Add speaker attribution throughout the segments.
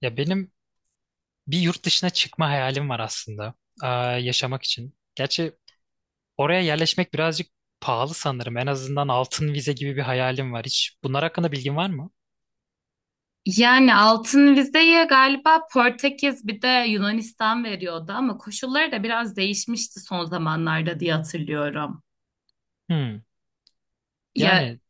Speaker 1: Ya benim bir yurt dışına çıkma hayalim var aslında. Yaşamak için. Gerçi oraya yerleşmek birazcık pahalı sanırım. En azından altın vize gibi bir hayalim var. Hiç bunlar hakkında bilgin var mı?
Speaker 2: Yani altın vizeye galiba Portekiz bir de Yunanistan veriyordu ama koşulları da biraz değişmişti son zamanlarda diye hatırlıyorum.
Speaker 1: Hmm.
Speaker 2: Ya
Speaker 1: Yani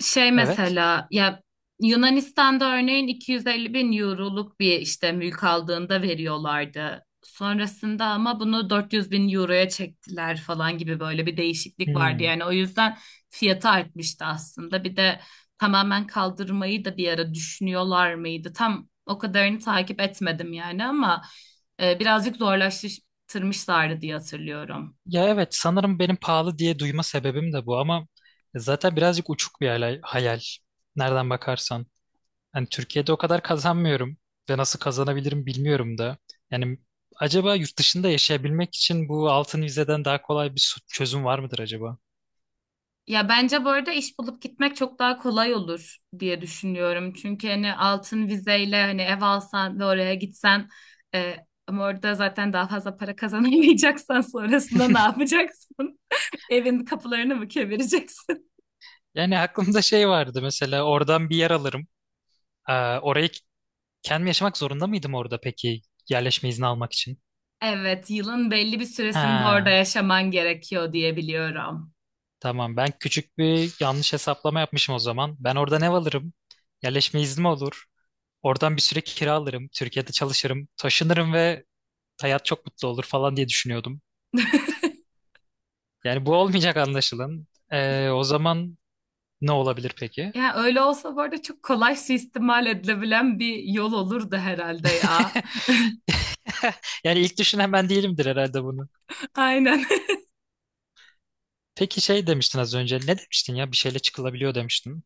Speaker 2: Şey
Speaker 1: evet.
Speaker 2: mesela ya Yunanistan'da örneğin 250 bin euroluk bir işte mülk aldığında veriyorlardı. Sonrasında ama bunu 400 bin euroya çektiler falan gibi böyle bir değişiklik vardı.
Speaker 1: Hmm.
Speaker 2: Yani o yüzden fiyatı artmıştı aslında. Bir de tamamen kaldırmayı da bir ara düşünüyorlar mıydı? Tam o kadarını takip etmedim yani ama birazcık zorlaştırmışlardı diye hatırlıyorum.
Speaker 1: Ya evet sanırım benim pahalı diye duyma sebebim de bu ama zaten birazcık uçuk bir hayal. Nereden bakarsan. Yani Türkiye'de o kadar kazanmıyorum ve nasıl kazanabilirim bilmiyorum da. Yani acaba yurt dışında yaşayabilmek için bu altın vizeden daha kolay bir çözüm var mıdır acaba?
Speaker 2: Ya bence bu arada iş bulup gitmek çok daha kolay olur diye düşünüyorum. Çünkü hani altın vizeyle hani ev alsan ve oraya gitsen e, ama orada zaten daha fazla para kazanamayacaksan sonrasında ne yapacaksın? Evin kapılarını mı kevireceksin?
Speaker 1: Yani aklımda şey vardı, mesela oradan bir yer alırım. Orayı kendim yaşamak zorunda mıydım orada peki, yerleşme izni almak için?
Speaker 2: Evet, yılın belli bir süresinde orada
Speaker 1: Ha,
Speaker 2: yaşaman gerekiyor diye biliyorum.
Speaker 1: tamam, ben küçük bir yanlış hesaplama yapmışım o zaman. Ben oradan ev alırım. Yerleşme iznim olur. Oradan bir süre kira alırım, Türkiye'de çalışırım. Taşınırım ve hayat çok mutlu olur falan diye düşünüyordum. Yani bu olmayacak anlaşılan. O zaman ne olabilir peki?
Speaker 2: Ya öyle olsa bu arada çok kolay suistimal edilebilen bir yol olurdu herhalde ya.
Speaker 1: Yani ilk düşünen ben değilimdir herhalde bunu.
Speaker 2: Aynen.
Speaker 1: Peki şey demiştin az önce. Ne demiştin ya? Bir şeyle çıkılabiliyor demiştin.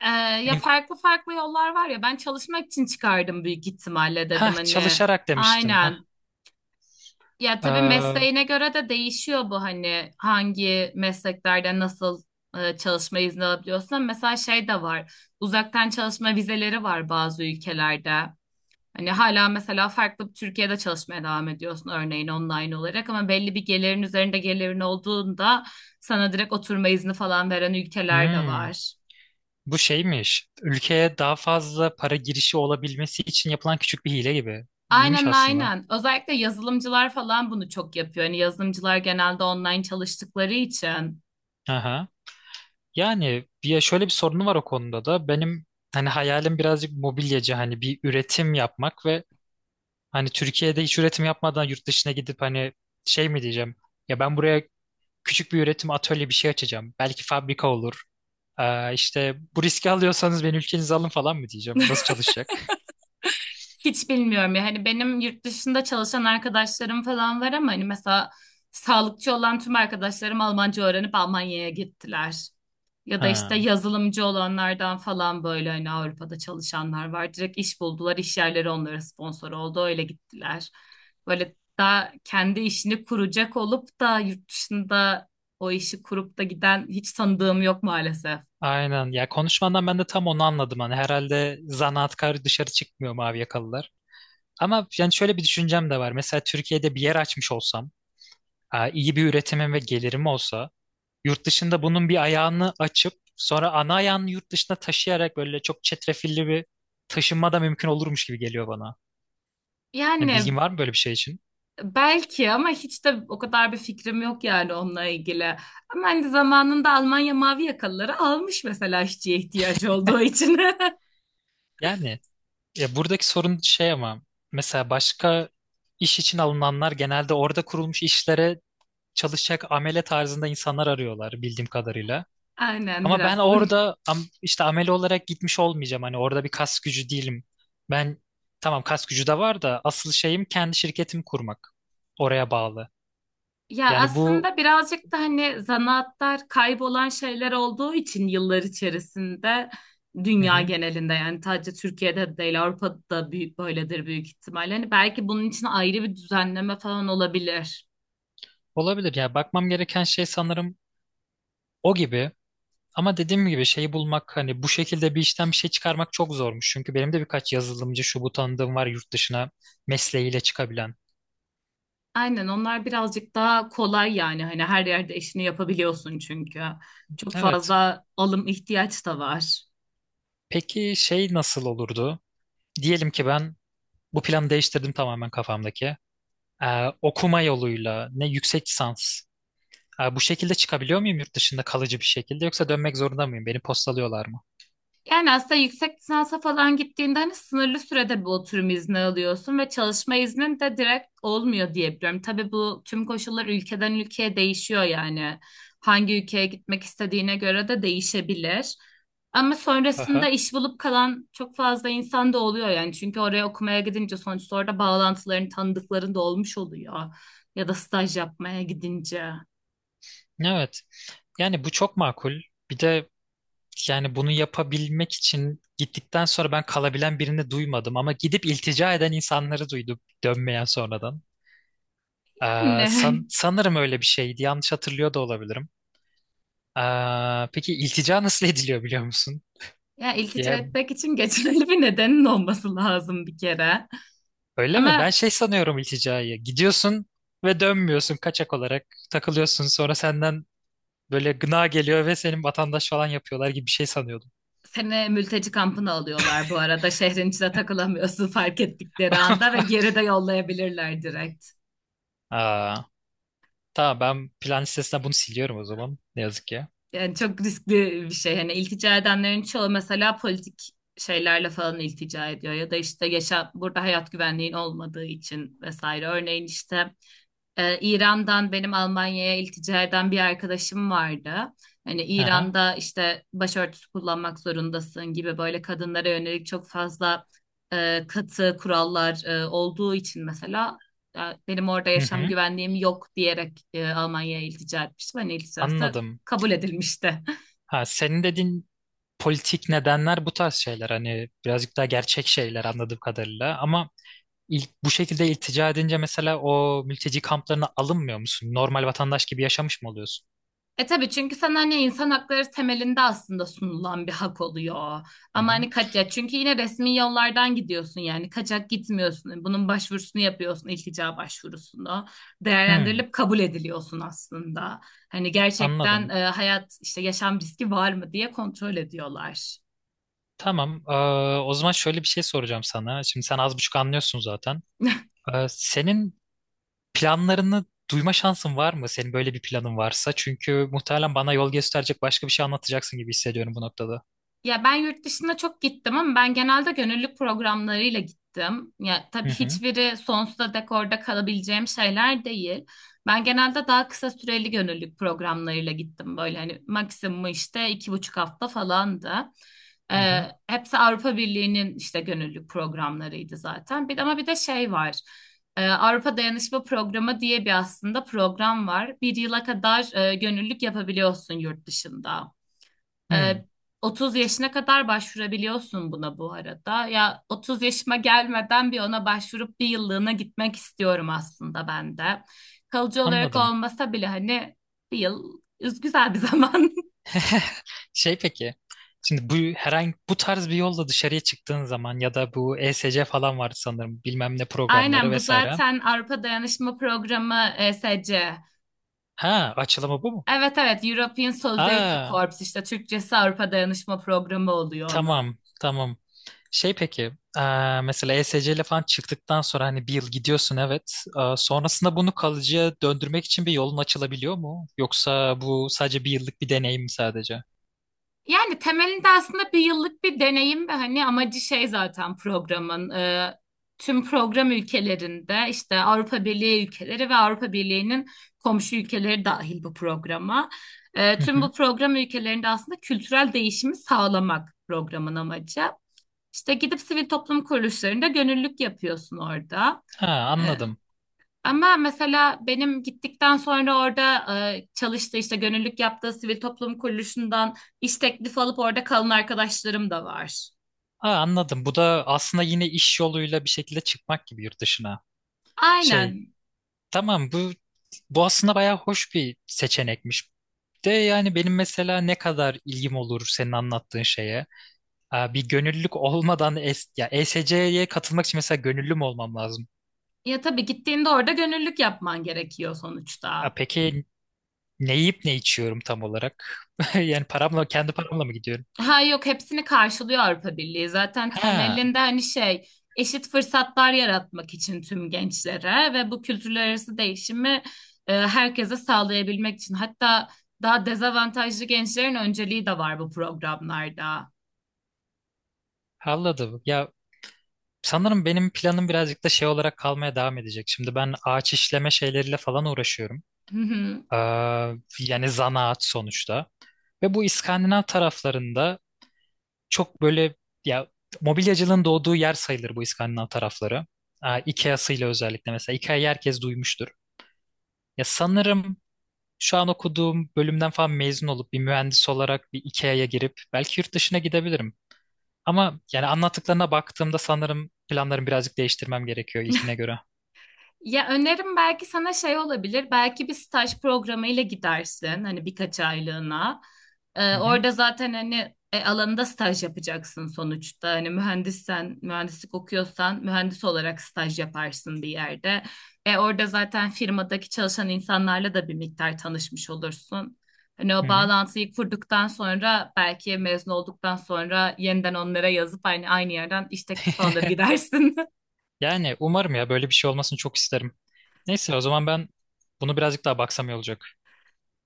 Speaker 2: Ee, Ya
Speaker 1: En
Speaker 2: farklı farklı yollar var ya ben çalışmak için çıkardım büyük ihtimalle
Speaker 1: ha,
Speaker 2: dedim hani
Speaker 1: çalışarak demiştin. Ha.
Speaker 2: aynen. Ya tabii
Speaker 1: Ee,
Speaker 2: mesleğine göre de değişiyor bu hani hangi mesleklerde nasıl çalışma izni alabiliyorsun. Ama mesela şey de var, uzaktan çalışma vizeleri var bazı ülkelerde. Hani hala mesela farklı bir Türkiye'de çalışmaya devam ediyorsun örneğin online olarak ama belli bir gelirin üzerinde gelirin olduğunda sana direkt oturma izni falan veren ülkeler de
Speaker 1: hmm,
Speaker 2: var.
Speaker 1: bu şeymiş. Ülkeye daha fazla para girişi olabilmesi için yapılan küçük bir hile gibi. İyiymiş
Speaker 2: Aynen
Speaker 1: aslında.
Speaker 2: aynen. Özellikle yazılımcılar falan bunu çok yapıyor. Yani yazılımcılar genelde online çalıştıkları için.
Speaker 1: Aha. Yani şöyle bir sorunu var o konuda da. Benim hani hayalim birazcık mobilyacı, hani bir üretim yapmak ve hani Türkiye'de hiç üretim yapmadan yurt dışına gidip hani şey mi diyeceğim? Ya ben buraya küçük bir üretim atölye bir şey açacağım. Belki fabrika olur. İşte bu riski alıyorsanız beni ülkenize alın falan mı diyeceğim? Nasıl çalışacak?
Speaker 2: Hiç bilmiyorum ya. Hani benim yurt dışında çalışan arkadaşlarım falan var ama hani mesela sağlıkçı olan tüm arkadaşlarım Almanca öğrenip Almanya'ya gittiler. Ya da işte
Speaker 1: Ha,
Speaker 2: yazılımcı olanlardan falan böyle hani Avrupa'da çalışanlar var. Direkt iş buldular, iş yerleri onlara sponsor oldu, öyle gittiler. Böyle daha kendi işini kuracak olup da yurt dışında o işi kurup da giden hiç tanıdığım yok maalesef.
Speaker 1: aynen. Ya konuşmandan ben de tam onu anladım. Hani herhalde zanaatkar dışarı çıkmıyor, mavi yakalılar. Ama yani şöyle bir düşüncem de var. Mesela Türkiye'de bir yer açmış olsam, iyi bir üretimim ve gelirim olsa, yurt dışında bunun bir ayağını açıp sonra ana ayağını yurt dışına taşıyarak böyle çok çetrefilli bir taşınma da mümkün olurmuş gibi geliyor bana. Yani
Speaker 2: Yani
Speaker 1: bilgin var mı böyle bir şey için?
Speaker 2: belki ama hiç de o kadar bir fikrim yok yani onunla ilgili. Ama hani zamanında Almanya mavi yakalıları almış mesela işçiye ihtiyacı olduğu için.
Speaker 1: Yani ya buradaki sorun şey ama mesela başka iş için alınanlar genelde orada kurulmuş işlere çalışacak amele tarzında insanlar arıyorlar bildiğim kadarıyla.
Speaker 2: Aynen
Speaker 1: Ama ben
Speaker 2: biraz.
Speaker 1: orada işte amele olarak gitmiş olmayacağım. Hani orada bir kas gücü değilim. Ben tamam, kas gücü de var da asıl şeyim kendi şirketimi kurmak. Oraya bağlı.
Speaker 2: Ya
Speaker 1: Yani bu
Speaker 2: aslında birazcık da hani zanaatlar kaybolan şeyler olduğu için yıllar içerisinde
Speaker 1: hı
Speaker 2: dünya
Speaker 1: hı,
Speaker 2: genelinde yani sadece Türkiye'de değil Avrupa'da da büyük, böyledir büyük ihtimalle. Hani belki bunun için ayrı bir düzenleme falan olabilir.
Speaker 1: olabilir. Ya bakmam gereken şey sanırım o gibi. Ama dediğim gibi şeyi bulmak, hani bu şekilde bir işten bir şey çıkarmak çok zormuş. Çünkü benim de birkaç yazılımcı şu bu tanıdığım var yurt dışına mesleğiyle çıkabilen.
Speaker 2: Aynen onlar birazcık daha kolay yani hani her yerde işini yapabiliyorsun çünkü. Çok
Speaker 1: Evet.
Speaker 2: fazla alım ihtiyaç da var.
Speaker 1: Peki şey nasıl olurdu? Diyelim ki ben bu planı değiştirdim tamamen kafamdaki. Okuma yoluyla ne yüksek lisans. Bu şekilde çıkabiliyor muyum yurt dışında kalıcı bir şekilde, yoksa dönmek zorunda mıyım? Beni postalıyorlar mı?
Speaker 2: Yani aslında yüksek lisansa falan gittiğinde hani sınırlı sürede bir oturum izni alıyorsun ve çalışma iznin de direkt olmuyor diye biliyorum. Tabii bu tüm koşullar ülkeden ülkeye değişiyor yani. Hangi ülkeye gitmek istediğine göre de değişebilir. Ama sonrasında
Speaker 1: Aha.
Speaker 2: iş bulup kalan çok fazla insan da oluyor yani. Çünkü oraya okumaya gidince sonuçta orada bağlantıların, tanıdıkların da olmuş oluyor. Ya da staj yapmaya gidince.
Speaker 1: Evet. Yani bu çok makul. Bir de yani bunu yapabilmek için gittikten sonra ben kalabilen birini duymadım, ama gidip iltica eden insanları duydum, dönmeyen sonradan.
Speaker 2: Yani
Speaker 1: Sanırım öyle bir şeydi. Yanlış hatırlıyor da olabilirim. Peki iltica nasıl ediliyor biliyor musun?
Speaker 2: ya iltica
Speaker 1: Ya,
Speaker 2: etmek için geçerli bir nedenin olması lazım bir kere.
Speaker 1: öyle mi? Ben
Speaker 2: Ama
Speaker 1: şey sanıyorum ilticayı. Gidiyorsun ve dönmüyorsun kaçak olarak. Takılıyorsun, sonra senden böyle gına geliyor ve senin vatandaş falan yapıyorlar gibi bir şey sanıyordum.
Speaker 2: seni mülteci kampına alıyorlar bu arada. Şehrin içine takılamıyorsun fark ettikleri anda ve geri de yollayabilirler direkt.
Speaker 1: Aa, tamam, ben plan listesinden bunu siliyorum o zaman. Ne yazık ki.
Speaker 2: Yani çok riskli bir şey. Hani iltica edenlerin çoğu mesela politik şeylerle falan iltica ediyor ya da işte yaşam burada hayat güvenliğin olmadığı için vesaire. Örneğin işte İran'dan benim Almanya'ya iltica eden bir arkadaşım vardı. Hani
Speaker 1: Aha,
Speaker 2: İran'da işte başörtüsü kullanmak zorundasın gibi böyle kadınlara yönelik çok fazla katı kurallar olduğu için mesela e, benim orada
Speaker 1: hı
Speaker 2: yaşam
Speaker 1: hı,
Speaker 2: güvenliğim yok diyerek Almanya'ya iltica etmiştim. Hani ilticası
Speaker 1: anladım.
Speaker 2: kabul edilmişti.
Speaker 1: Ha, senin dediğin politik nedenler, bu tarz şeyler. Hani birazcık daha gerçek şeyler anladığım kadarıyla. Ama ilk bu şekilde iltica edince mesela o mülteci kamplarına alınmıyor musun? Normal vatandaş gibi yaşamış mı oluyorsun?
Speaker 2: E tabii çünkü sana hani insan hakları temelinde aslında sunulan bir hak oluyor.
Speaker 1: Hı
Speaker 2: Ama
Speaker 1: hı.
Speaker 2: hani kaçak, çünkü yine resmi yollardan gidiyorsun, yani kaçak gitmiyorsun. Bunun başvurusunu yapıyorsun, iltica başvurusunu.
Speaker 1: Hmm.
Speaker 2: Değerlendirilip kabul ediliyorsun aslında. Hani gerçekten
Speaker 1: Anladım.
Speaker 2: hayat işte yaşam riski var mı diye kontrol ediyorlar.
Speaker 1: Tamam. O zaman şöyle bir şey soracağım sana. Şimdi sen az buçuk anlıyorsun zaten. Senin planlarını duyma şansın var mı? Senin böyle bir planın varsa. Çünkü muhtemelen bana yol gösterecek başka bir şey anlatacaksın gibi hissediyorum bu noktada.
Speaker 2: Ya ben yurt dışına çok gittim ama ben genelde gönüllülük programlarıyla gittim. Ya
Speaker 1: Hı
Speaker 2: tabii
Speaker 1: hı,
Speaker 2: hiçbiri sonsuza dek orada kalabileceğim şeyler değil. Ben genelde daha kısa süreli gönüllülük programlarıyla gittim. Böyle hani maksimum işte iki buçuk hafta falandı.
Speaker 1: hı
Speaker 2: Ee,
Speaker 1: hı.
Speaker 2: Hepsi Avrupa Birliği'nin işte gönüllülük programlarıydı zaten. Bir, ama bir de şey var. Avrupa Dayanışma Programı diye bir aslında program var. Bir yıla kadar gönüllülük yapabiliyorsun yurt dışında. Ee,
Speaker 1: Hmm,
Speaker 2: 30 yaşına kadar başvurabiliyorsun buna bu arada. Ya 30 yaşıma gelmeden bir ona başvurup bir yıllığına gitmek istiyorum aslında ben de. Kalıcı olarak
Speaker 1: anladım.
Speaker 2: olmasa bile hani bir yıl güzel bir zaman.
Speaker 1: Şey peki. Şimdi bu bu tarz bir yolla dışarıya çıktığın zaman ya da bu ESC falan vardı sanırım, bilmem ne programları
Speaker 2: Aynen bu
Speaker 1: vesaire.
Speaker 2: zaten Avrupa Dayanışma Programı, ESC.
Speaker 1: Ha, açılımı bu mu?
Speaker 2: Evet evet, European Solidarity
Speaker 1: Aa,
Speaker 2: Corps, işte Türkçesi Avrupa Dayanışma Programı oluyor onun.
Speaker 1: tamam, tamam. Şey peki, mesela ESC ile falan çıktıktan sonra hani bir yıl gidiyorsun evet. Sonrasında bunu kalıcıya döndürmek için bir yolun açılabiliyor mu? Yoksa bu sadece bir yıllık bir deneyim mi sadece?
Speaker 2: Yani temelinde aslında bir yıllık bir deneyim ve hani amacı şey zaten programın, tüm program ülkelerinde işte Avrupa Birliği ülkeleri ve Avrupa Birliği'nin komşu ülkeleri dahil bu programa. E,
Speaker 1: Hı
Speaker 2: tüm
Speaker 1: hı.
Speaker 2: bu program ülkelerinde aslında kültürel değişimi sağlamak programın amacı. İşte gidip sivil toplum kuruluşlarında gönüllülük yapıyorsun orada.
Speaker 1: Ha,
Speaker 2: E,
Speaker 1: anladım.
Speaker 2: Ama mesela benim gittikten sonra orada çalıştığı işte gönüllülük yaptığı sivil toplum kuruluşundan iş teklifi alıp orada kalan arkadaşlarım da var.
Speaker 1: Ha, anladım. Bu da aslında yine iş yoluyla bir şekilde çıkmak gibi yurt dışına. Şey,
Speaker 2: Aynen.
Speaker 1: tamam, bu aslında bayağı hoş bir seçenekmiş. De yani benim mesela ne kadar ilgim olur senin anlattığın şeye. Aa, bir gönüllülük olmadan es ya ESC'ye katılmak için mesela gönüllü mü olmam lazım?
Speaker 2: Ya tabii gittiğinde orada gönüllülük yapman gerekiyor
Speaker 1: Aa,
Speaker 2: sonuçta.
Speaker 1: peki ne yiyip ne içiyorum tam olarak? Yani kendi paramla mı gidiyorum?
Speaker 2: Ha yok, hepsini karşılıyor Avrupa Birliği. Zaten
Speaker 1: Ha,
Speaker 2: temelinde hani şey, eşit fırsatlar yaratmak için tüm gençlere ve bu kültürler arası değişimi herkese sağlayabilmek için. Hatta daha dezavantajlı gençlerin önceliği de var bu programlarda.
Speaker 1: anladım. Ya sanırım benim planım birazcık da şey olarak kalmaya devam edecek. Şimdi ben ağaç işleme şeyleriyle falan uğraşıyorum.
Speaker 2: Hı hı.
Speaker 1: Aa, yani zanaat sonuçta. Ve bu İskandinav taraflarında çok böyle ya mobilyacılığın doğduğu yer sayılır bu İskandinav tarafları. Aa, IKEA'sıyla özellikle, mesela IKEA'yı herkes duymuştur. Ya sanırım şu an okuduğum bölümden falan mezun olup bir mühendis olarak bir IKEA'ya girip belki yurt dışına gidebilirim. Ama yani anlattıklarına baktığımda sanırım planlarımı birazcık değiştirmem gerekiyor ilkine göre.
Speaker 2: Ya önerim belki sana şey olabilir. Belki bir staj programıyla gidersin. Hani birkaç aylığına.
Speaker 1: Hı hı,
Speaker 2: Orada zaten hani alanında staj yapacaksın sonuçta. Hani mühendissen, mühendislik okuyorsan mühendis olarak staj yaparsın bir yerde. Orada zaten firmadaki çalışan insanlarla da bir miktar tanışmış olursun. Hani
Speaker 1: hı
Speaker 2: o
Speaker 1: hı.
Speaker 2: bağlantıyı kurduktan sonra belki mezun olduktan sonra yeniden onlara yazıp aynı yerden iş teklifi alır gidersin.
Speaker 1: Yani umarım, ya böyle bir şey olmasını çok isterim. Neyse o zaman ben bunu birazcık daha baksam iyi olacak.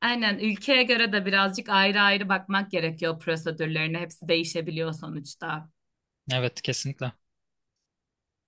Speaker 2: Aynen ülkeye göre de birazcık ayrı ayrı bakmak gerekiyor prosedürlerine. Hepsi değişebiliyor sonuçta.
Speaker 1: Evet, kesinlikle.